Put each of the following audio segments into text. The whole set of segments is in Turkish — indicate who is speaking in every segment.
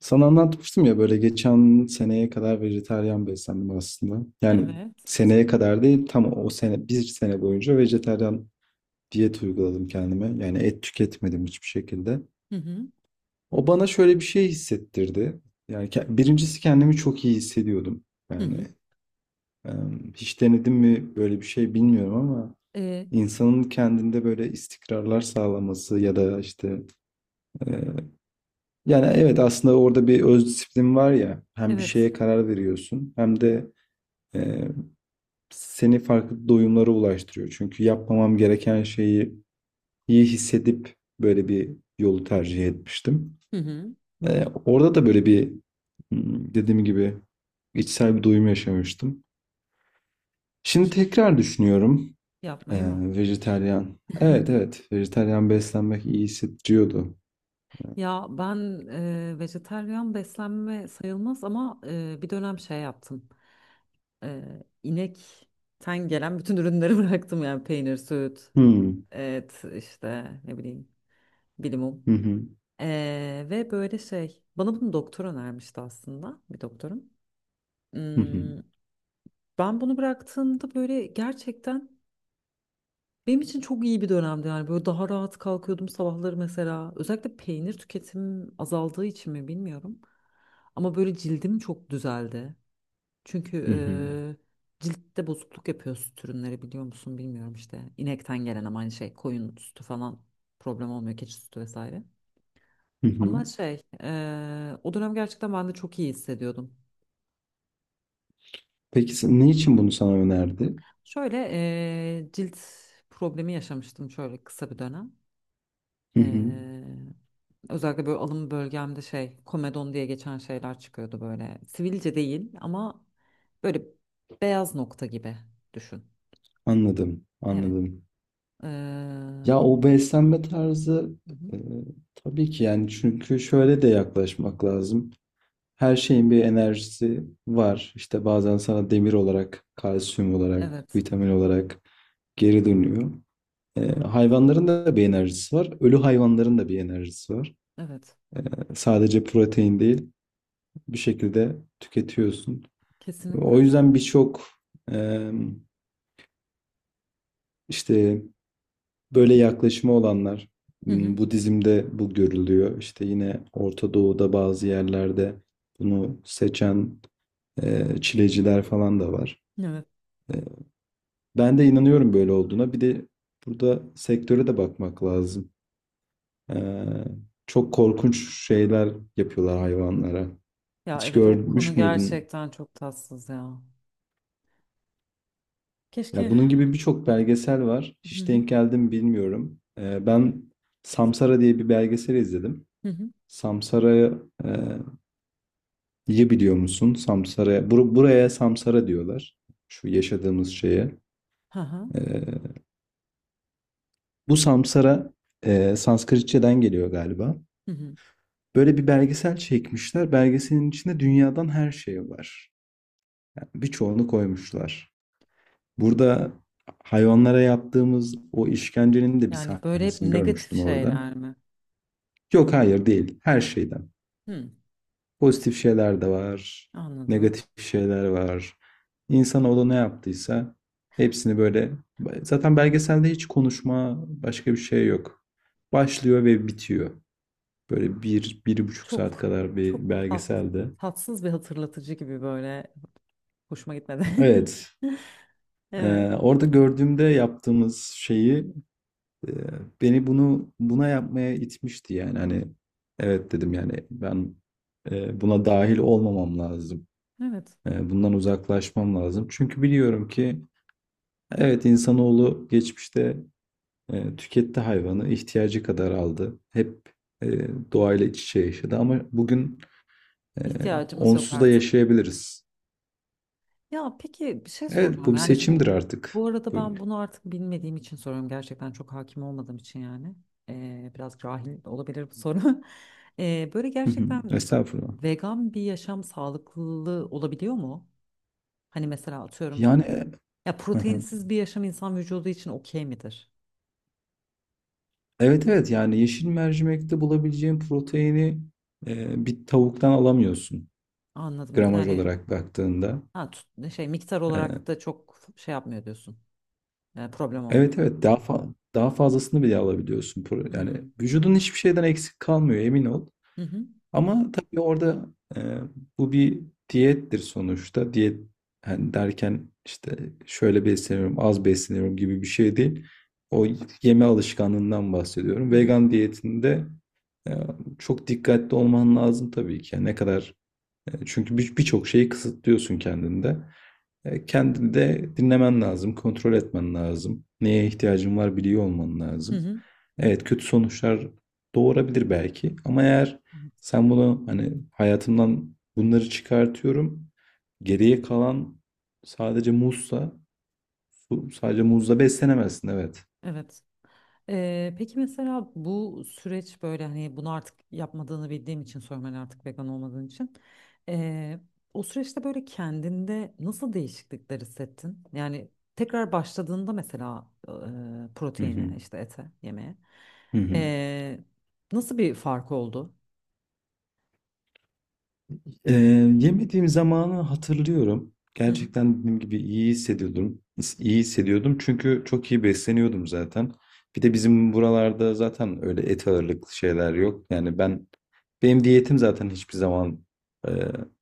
Speaker 1: Sana anlatmıştım ya böyle geçen seneye kadar vejetaryen beslendim aslında. Yani
Speaker 2: Evet.
Speaker 1: seneye kadar değil, tam o sene bir sene boyunca vejetaryen diyet uyguladım kendime. Yani et tüketmedim hiçbir şekilde.
Speaker 2: Hı hı.
Speaker 1: O bana şöyle bir şey hissettirdi. Yani birincisi kendimi çok iyi hissediyordum.
Speaker 2: Hı
Speaker 1: Yani
Speaker 2: hı.
Speaker 1: hiç denedim mi böyle bir şey bilmiyorum ama
Speaker 2: Ee,
Speaker 1: insanın kendinde böyle istikrarlar sağlaması ya da işte. Yani evet, aslında orada bir öz disiplin var ya, hem bir
Speaker 2: evet.
Speaker 1: şeye
Speaker 2: Şey.
Speaker 1: karar veriyorsun hem de e, seni farklı doyumlara ulaştırıyor. Çünkü yapmamam gereken şeyi iyi hissedip böyle bir yolu tercih etmiştim.
Speaker 2: Hı hı.
Speaker 1: Orada da böyle bir dediğim gibi içsel bir doyum yaşamıştım. Şimdi tekrar düşünüyorum e,
Speaker 2: Yapmayı mı?
Speaker 1: vejetaryen. Evet evet, vejetaryen beslenmek iyi hissettiriyordu.
Speaker 2: Ya ben vejetaryen beslenme sayılmaz ama bir dönem şey yaptım. İnekten gelen bütün ürünleri bıraktım yani peynir, süt,
Speaker 1: Hmm.
Speaker 2: et işte ne bileyim
Speaker 1: Hı
Speaker 2: bilimum.
Speaker 1: hı.
Speaker 2: Ve böyle şey bana bunu doktor önermişti aslında bir doktorum.
Speaker 1: Hı hı.
Speaker 2: Hmm, ben bunu bıraktığımda böyle gerçekten benim için çok iyi bir dönemdi yani böyle daha rahat kalkıyordum sabahları mesela. Özellikle peynir tüketimim azaldığı için mi bilmiyorum. Ama böyle cildim çok düzeldi. Çünkü
Speaker 1: Hı hı.
Speaker 2: ciltte bozukluk yapıyor süt ürünleri biliyor musun bilmiyorum işte. İnekten gelen ama aynı şey koyun sütü falan problem olmuyor keçi sütü vesaire.
Speaker 1: Hı hı.
Speaker 2: Ama şey o dönem gerçekten ben de çok iyi hissediyordum.
Speaker 1: Peki ne için bunu sana önerdi?
Speaker 2: Şöyle cilt problemi yaşamıştım şöyle kısa bir dönem.
Speaker 1: Hı hı.
Speaker 2: Ee, özellikle böyle alım bölgemde şey komedon diye geçen şeyler çıkıyordu böyle. Sivilce değil ama böyle beyaz nokta gibi düşün.
Speaker 1: Anladım,
Speaker 2: Evet.
Speaker 1: anladım.
Speaker 2: Hı
Speaker 1: Ya o beslenme tarzı,
Speaker 2: hı.
Speaker 1: e, tabii ki, yani çünkü şöyle de yaklaşmak lazım. Her şeyin bir enerjisi var. İşte bazen sana demir olarak, kalsiyum olarak,
Speaker 2: Evet.
Speaker 1: vitamin olarak geri dönüyor. E, hayvanların da bir enerjisi var. Ölü hayvanların da bir enerjisi var.
Speaker 2: Evet.
Speaker 1: E, sadece protein değil, bir şekilde tüketiyorsun. O
Speaker 2: Kesinlikle.
Speaker 1: yüzden birçok e, işte böyle yaklaşımı olanlar,
Speaker 2: Hı hı.
Speaker 1: Budizm'de bu görülüyor. İşte yine Orta Doğu'da bazı yerlerde bunu seçen çileciler falan da var.
Speaker 2: Evet.
Speaker 1: E, ben de inanıyorum böyle olduğuna. Bir de burada sektöre de bakmak lazım. E, çok korkunç şeyler yapıyorlar hayvanlara.
Speaker 2: Ya
Speaker 1: Hiç
Speaker 2: evet o konu
Speaker 1: görmüş müydün?
Speaker 2: gerçekten çok tatsız ya.
Speaker 1: Ya
Speaker 2: Keşke.
Speaker 1: bunun gibi birçok belgesel var.
Speaker 2: Hı
Speaker 1: Hiç
Speaker 2: hı.
Speaker 1: denk geldim bilmiyorum. Ben Samsara diye bir belgesel izledim.
Speaker 2: Hı hı.
Speaker 1: Samsara'ya e, biliyor musun? Samsara. Buraya Samsara diyorlar. Şu yaşadığımız şeye.
Speaker 2: Hı hı.
Speaker 1: Ee, bu Samsara Sanskritçeden geliyor galiba.
Speaker 2: Hı hı.
Speaker 1: Böyle bir belgesel çekmişler. Belgeselin içinde dünyadan her şey var. Yani birçoğunu koymuşlar. Burada hayvanlara yaptığımız o işkencenin de bir
Speaker 2: Yani böyle hep
Speaker 1: sahnesini
Speaker 2: negatif
Speaker 1: görmüştüm orada.
Speaker 2: şeyler mi?
Speaker 1: Yok hayır, değil. Her şeyden.
Speaker 2: Hı.
Speaker 1: Pozitif şeyler de var.
Speaker 2: Anladım.
Speaker 1: Negatif şeyler var. İnsanoğlu ne yaptıysa hepsini böyle, zaten belgeselde hiç konuşma başka bir şey yok. Başlıyor ve bitiyor. Böyle bir, bir buçuk saat
Speaker 2: Çok
Speaker 1: kadar bir
Speaker 2: çok tat,
Speaker 1: belgeselde.
Speaker 2: tatsız bir hatırlatıcı gibi böyle hoşuma gitmedi.
Speaker 1: Evet.
Speaker 2: Evet.
Speaker 1: Orada gördüğümde yaptığımız şeyi e, beni buna yapmaya itmişti, yani hani evet dedim, yani ben buna dahil olmamam lazım.
Speaker 2: Evet.
Speaker 1: Bundan uzaklaşmam lazım. Çünkü biliyorum ki evet, insanoğlu geçmişte tüketti hayvanı, ihtiyacı kadar aldı. Hep e, doğayla iç içe yaşadı, ama bugün e,
Speaker 2: İhtiyacımız yok
Speaker 1: onsuz da
Speaker 2: artık.
Speaker 1: yaşayabiliriz.
Speaker 2: Ya peki bir şey
Speaker 1: Evet,
Speaker 2: soracağım.
Speaker 1: bu bir
Speaker 2: Yani
Speaker 1: seçimdir
Speaker 2: bu
Speaker 1: artık.
Speaker 2: bu arada
Speaker 1: Buyurun.
Speaker 2: ben bunu artık bilmediğim için soruyorum. Gerçekten çok hakim olmadığım için yani. Biraz cahil olabilir bu soru. Böyle
Speaker 1: Hı hı,
Speaker 2: gerçekten
Speaker 1: estağfurullah.
Speaker 2: vegan bir yaşam sağlıklı olabiliyor mu? Hani mesela atıyorum
Speaker 1: Yani
Speaker 2: ya
Speaker 1: hı hı.
Speaker 2: proteinsiz bir yaşam insan vücudu için okey midir?
Speaker 1: Evet evet, yani yeşil mercimekte bulabileceğin proteini bir tavuktan alamıyorsun
Speaker 2: Anladım.
Speaker 1: gramaj
Speaker 2: Yani
Speaker 1: olarak baktığında.
Speaker 2: şey miktar
Speaker 1: E,
Speaker 2: olarak da çok şey yapmıyor diyorsun. Yani problem olmuyor.
Speaker 1: evet evet, daha fazlasını bile alabiliyorsun. Yani
Speaker 2: Hmm.
Speaker 1: vücudun hiçbir şeyden eksik kalmıyor, emin ol.
Speaker 2: Hı hı,
Speaker 1: Ama tabii orada e, bu bir diyettir sonuçta. Diyet hani derken işte şöyle besleniyorum, az besleniyorum gibi bir şey değil. O yeme alışkanlığından bahsediyorum.
Speaker 2: hı hı,
Speaker 1: Vegan diyetinde e, çok dikkatli olman lazım tabii ki. Yani ne kadar çünkü birçok şeyi kısıtlıyorsun kendinde. E, kendini de dinlemen lazım, kontrol etmen lazım. Neye ihtiyacın var biliyor olman
Speaker 2: hı
Speaker 1: lazım.
Speaker 2: hı.
Speaker 1: Evet, kötü sonuçlar doğurabilir belki, ama eğer
Speaker 2: Evet.
Speaker 1: sen bunu hani hayatımdan bunları çıkartıyorum, geriye kalan sadece muzsa, sadece muzla beslenemezsin, evet.
Speaker 2: Evet. Peki mesela bu süreç böyle hani bunu artık yapmadığını bildiğim için sorayım hani artık vegan olmadığın için. Ee, o süreçte böyle kendinde nasıl değişiklikler hissettin? Yani tekrar başladığında mesela
Speaker 1: Hı
Speaker 2: proteine
Speaker 1: hı.
Speaker 2: işte ete yemeye
Speaker 1: Hı hı.
Speaker 2: ee, nasıl bir fark oldu?
Speaker 1: Ee, yemediğim zamanı hatırlıyorum.
Speaker 2: Hı hı.
Speaker 1: Gerçekten dediğim gibi iyi hissediyordum. İyi hissediyordum çünkü çok iyi besleniyordum zaten. Bir de bizim buralarda zaten öyle et ağırlıklı şeyler yok. Yani benim diyetim zaten hiçbir zaman e,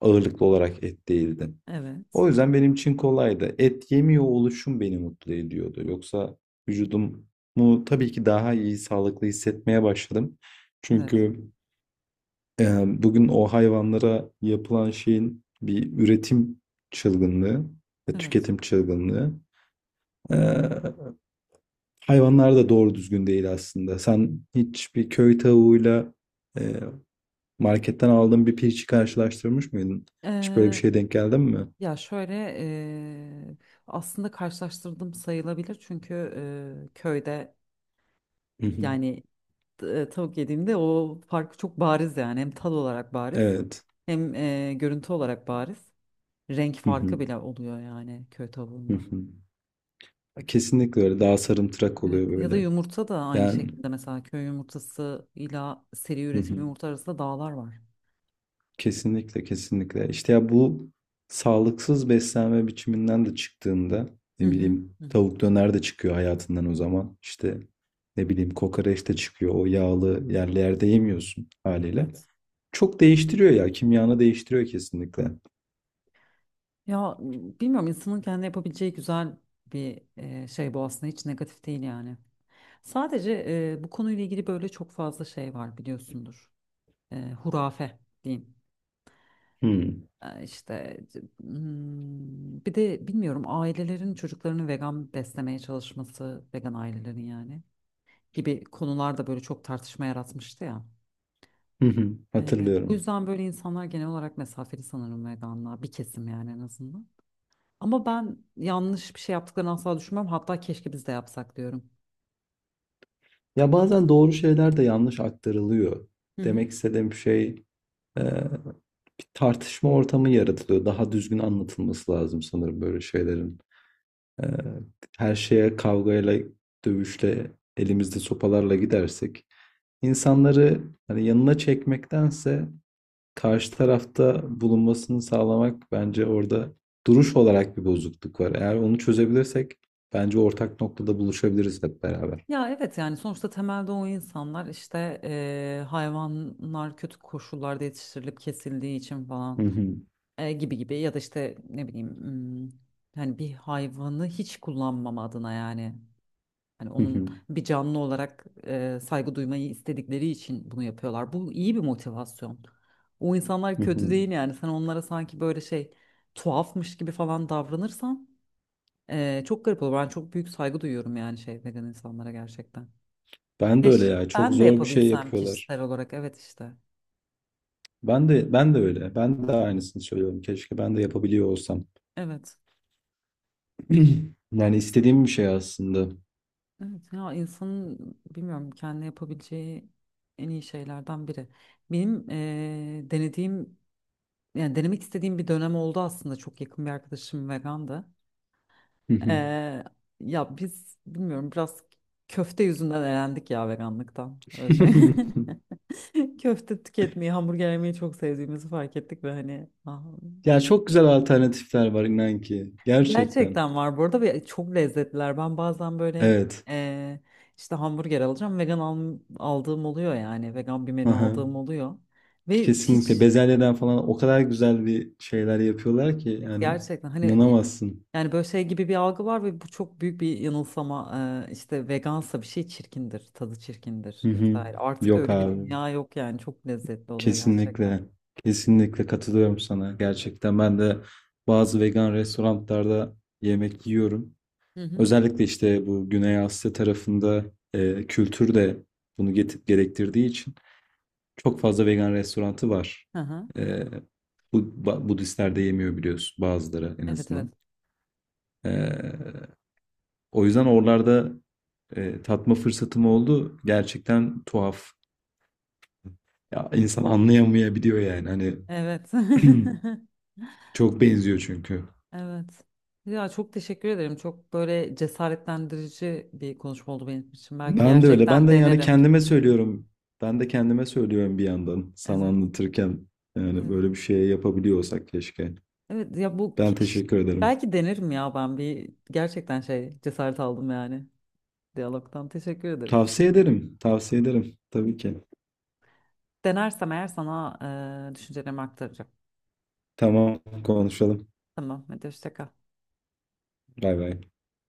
Speaker 1: ağırlıklı olarak et değildi.
Speaker 2: Evet.
Speaker 1: O yüzden benim için kolaydı. Et yemiyor oluşum beni mutlu ediyordu. Yoksa vücudumu tabii ki daha iyi, sağlıklı hissetmeye başladım.
Speaker 2: Evet.
Speaker 1: Çünkü e, bugün o hayvanlara yapılan şeyin bir üretim çılgınlığı ve tüketim çılgınlığı. E, hayvanlar da doğru düzgün değil aslında. Sen hiçbir köy tavuğuyla e, marketten aldığın bir pirinci karşılaştırmış mıydın? Hiç böyle bir
Speaker 2: Evet.
Speaker 1: şeye denk geldin mi?
Speaker 2: Ya şöyle aslında karşılaştırdım sayılabilir çünkü köyde
Speaker 1: Hı hı.
Speaker 2: yani tavuk yediğimde o farkı çok bariz yani hem tad olarak bariz. Evet,
Speaker 1: Evet.
Speaker 2: hem görüntü olarak bariz renk
Speaker 1: Hı hı.
Speaker 2: farkı bile oluyor yani köy
Speaker 1: Hı
Speaker 2: tavuğunda.
Speaker 1: hı. Kesinlikle öyle. Daha sarımtırak oluyor
Speaker 2: Evet, ya da
Speaker 1: böyle.
Speaker 2: yumurta da aynı evet
Speaker 1: Yani.
Speaker 2: şekilde mesela köy yumurtası ile seri
Speaker 1: Hı
Speaker 2: üretim
Speaker 1: hı.
Speaker 2: yumurta arasında dağlar var.
Speaker 1: Kesinlikle, kesinlikle. İşte ya bu sağlıksız beslenme biçiminden de çıktığında
Speaker 2: Hı
Speaker 1: ne
Speaker 2: hı.
Speaker 1: bileyim
Speaker 2: Hı hı.
Speaker 1: tavuk döner de çıkıyor hayatından o zaman. İşte ne bileyim kokoreç de çıkıyor. O yağlı yerlerde yemiyorsun haliyle.
Speaker 2: Evet.
Speaker 1: Çok değiştiriyor ya. Kimyanı değiştiriyor kesinlikle.
Speaker 2: Ya bilmiyorum insanın kendi yapabileceği güzel bir şey bu aslında hiç negatif değil yani. Sadece bu konuyla ilgili böyle çok fazla şey var biliyorsundur. Hurafe diyeyim.
Speaker 1: Hmm.
Speaker 2: İşte bir de bilmiyorum ailelerin çocuklarını vegan beslemeye çalışması, vegan ailelerin yani gibi konular da böyle çok tartışma yaratmıştı ya.
Speaker 1: Hı hı.
Speaker 2: E, bu
Speaker 1: Hatırlıyorum.
Speaker 2: yüzden böyle insanlar genel olarak mesafeli sanırım veganlığa bir kesim yani en azından. Ama ben yanlış bir şey yaptıklarını asla düşünmem. Hatta keşke biz de yapsak diyorum.
Speaker 1: Ya bazen doğru şeyler de yanlış aktarılıyor.
Speaker 2: Hı hı.
Speaker 1: Demek istediğim şey e, bir tartışma ortamı yaratılıyor. Daha düzgün anlatılması lazım sanırım böyle şeylerin. Ee, her şeye kavgayla, dövüşle, elimizde sopalarla gidersek insanları hani yanına çekmektense karşı tarafta bulunmasını sağlamak bence orada duruş olarak bir bozukluk var. Eğer onu çözebilirsek bence ortak noktada buluşabiliriz hep beraber.
Speaker 2: Ya evet yani sonuçta temelde o insanlar işte hayvanlar kötü koşullarda yetiştirilip kesildiği için
Speaker 1: Hı
Speaker 2: falan,
Speaker 1: hı,
Speaker 2: gibi gibi ya da işte ne bileyim, hani bir hayvanı hiç kullanmama adına yani hani
Speaker 1: hı
Speaker 2: onun
Speaker 1: hı,
Speaker 2: bir canlı olarak saygı duymayı istedikleri için bunu yapıyorlar. Bu iyi bir motivasyon. O insanlar
Speaker 1: hı
Speaker 2: kötü
Speaker 1: hı.
Speaker 2: değil yani sen onlara sanki böyle şey tuhafmış gibi falan davranırsan çok garip olur. Ben çok büyük saygı duyuyorum yani şey vegan insanlara gerçekten.
Speaker 1: Ben de öyle
Speaker 2: Keşke
Speaker 1: ya. Çok
Speaker 2: ben de
Speaker 1: zor bir şey
Speaker 2: yapabilsem
Speaker 1: yapıyorlar.
Speaker 2: kişisel olarak. Evet işte.
Speaker 1: Ben de öyle. Ben de aynısını söylüyorum. Keşke ben de yapabiliyor olsam.
Speaker 2: Evet.
Speaker 1: Yani istediğim bir şey aslında.
Speaker 2: Evet ya insanın bilmiyorum kendi yapabileceği en iyi şeylerden biri. Benim denediğim yani denemek istediğim bir dönem oldu aslında. Çok yakın bir arkadaşım vegandı. Eee, ya biz bilmiyorum biraz köfte yüzünden elendik ya veganlıktan. Öyle söyleyeyim. Köfte tüketmeyi, hamburger yemeyi çok sevdiğimizi fark ettik ve hani ah,
Speaker 1: Ya çok güzel alternatifler var, inan ki. Gerçekten.
Speaker 2: gerçekten var burada ve çok lezzetliler. Ben bazen böyle
Speaker 1: Evet.
Speaker 2: eee, işte hamburger alacağım. Aldığım oluyor yani. Vegan bir menü
Speaker 1: Aha.
Speaker 2: aldığım oluyor. Ve hiç
Speaker 1: Kesinlikle.
Speaker 2: kesinlikle.
Speaker 1: Bezelyeden falan o kadar güzel bir şeyler yapıyorlar ki,
Speaker 2: Evet,
Speaker 1: yani
Speaker 2: gerçekten hani
Speaker 1: inanamazsın.
Speaker 2: yani böyle şey gibi bir algı var ve bu çok büyük bir yanılsama. İşte vegansa bir şey çirkindir, tadı çirkindir
Speaker 1: Hı hı.
Speaker 2: vesaire. Artık
Speaker 1: Yok
Speaker 2: öyle bir
Speaker 1: abi.
Speaker 2: dünya yok yani. Çok lezzetli oluyor gerçekten.
Speaker 1: Kesinlikle. Kesinlikle katılıyorum sana. Gerçekten ben de bazı vegan restoranlarda yemek yiyorum.
Speaker 2: Hı hı.
Speaker 1: Özellikle işte bu Güney Asya tarafında kültür de bunu gerektirdiği için. Çok fazla vegan restoranı var.
Speaker 2: Hı hı.
Speaker 1: Ee, bu Budistler de yemiyor biliyorsun, bazıları en
Speaker 2: Evet, evet.
Speaker 1: azından. Ee, o yüzden oralarda tatma fırsatım oldu. Gerçekten tuhaf. Ya insan anlayamayabiliyor yani. Hani
Speaker 2: Evet.
Speaker 1: çok benziyor çünkü.
Speaker 2: Evet. Ya çok teşekkür ederim. Çok böyle cesaretlendirici bir konuşma oldu benim için. Belki rica ederim,
Speaker 1: Ben de öyle.
Speaker 2: gerçekten
Speaker 1: Ben
Speaker 2: ben
Speaker 1: de yani
Speaker 2: denerim.
Speaker 1: kendime söylüyorum. Ben de kendime söylüyorum bir yandan sana
Speaker 2: Evet.
Speaker 1: anlatırken. Yani
Speaker 2: Evet.
Speaker 1: böyle bir şey yapabiliyorsak keşke.
Speaker 2: Evet ya bu
Speaker 1: Ben
Speaker 2: keş,
Speaker 1: teşekkür ederim.
Speaker 2: belki denerim ya ben bir gerçekten şey cesaret aldım yani diyalogtan. Teşekkür ederim.
Speaker 1: Tavsiye ederim. Tavsiye ederim. Tabii ki.
Speaker 2: Denersem eğer sana düşüncelerimi aktaracağım.
Speaker 1: Tamam, konuşalım.
Speaker 2: Tamam. Hadi hoşça kal.
Speaker 1: Bay bay.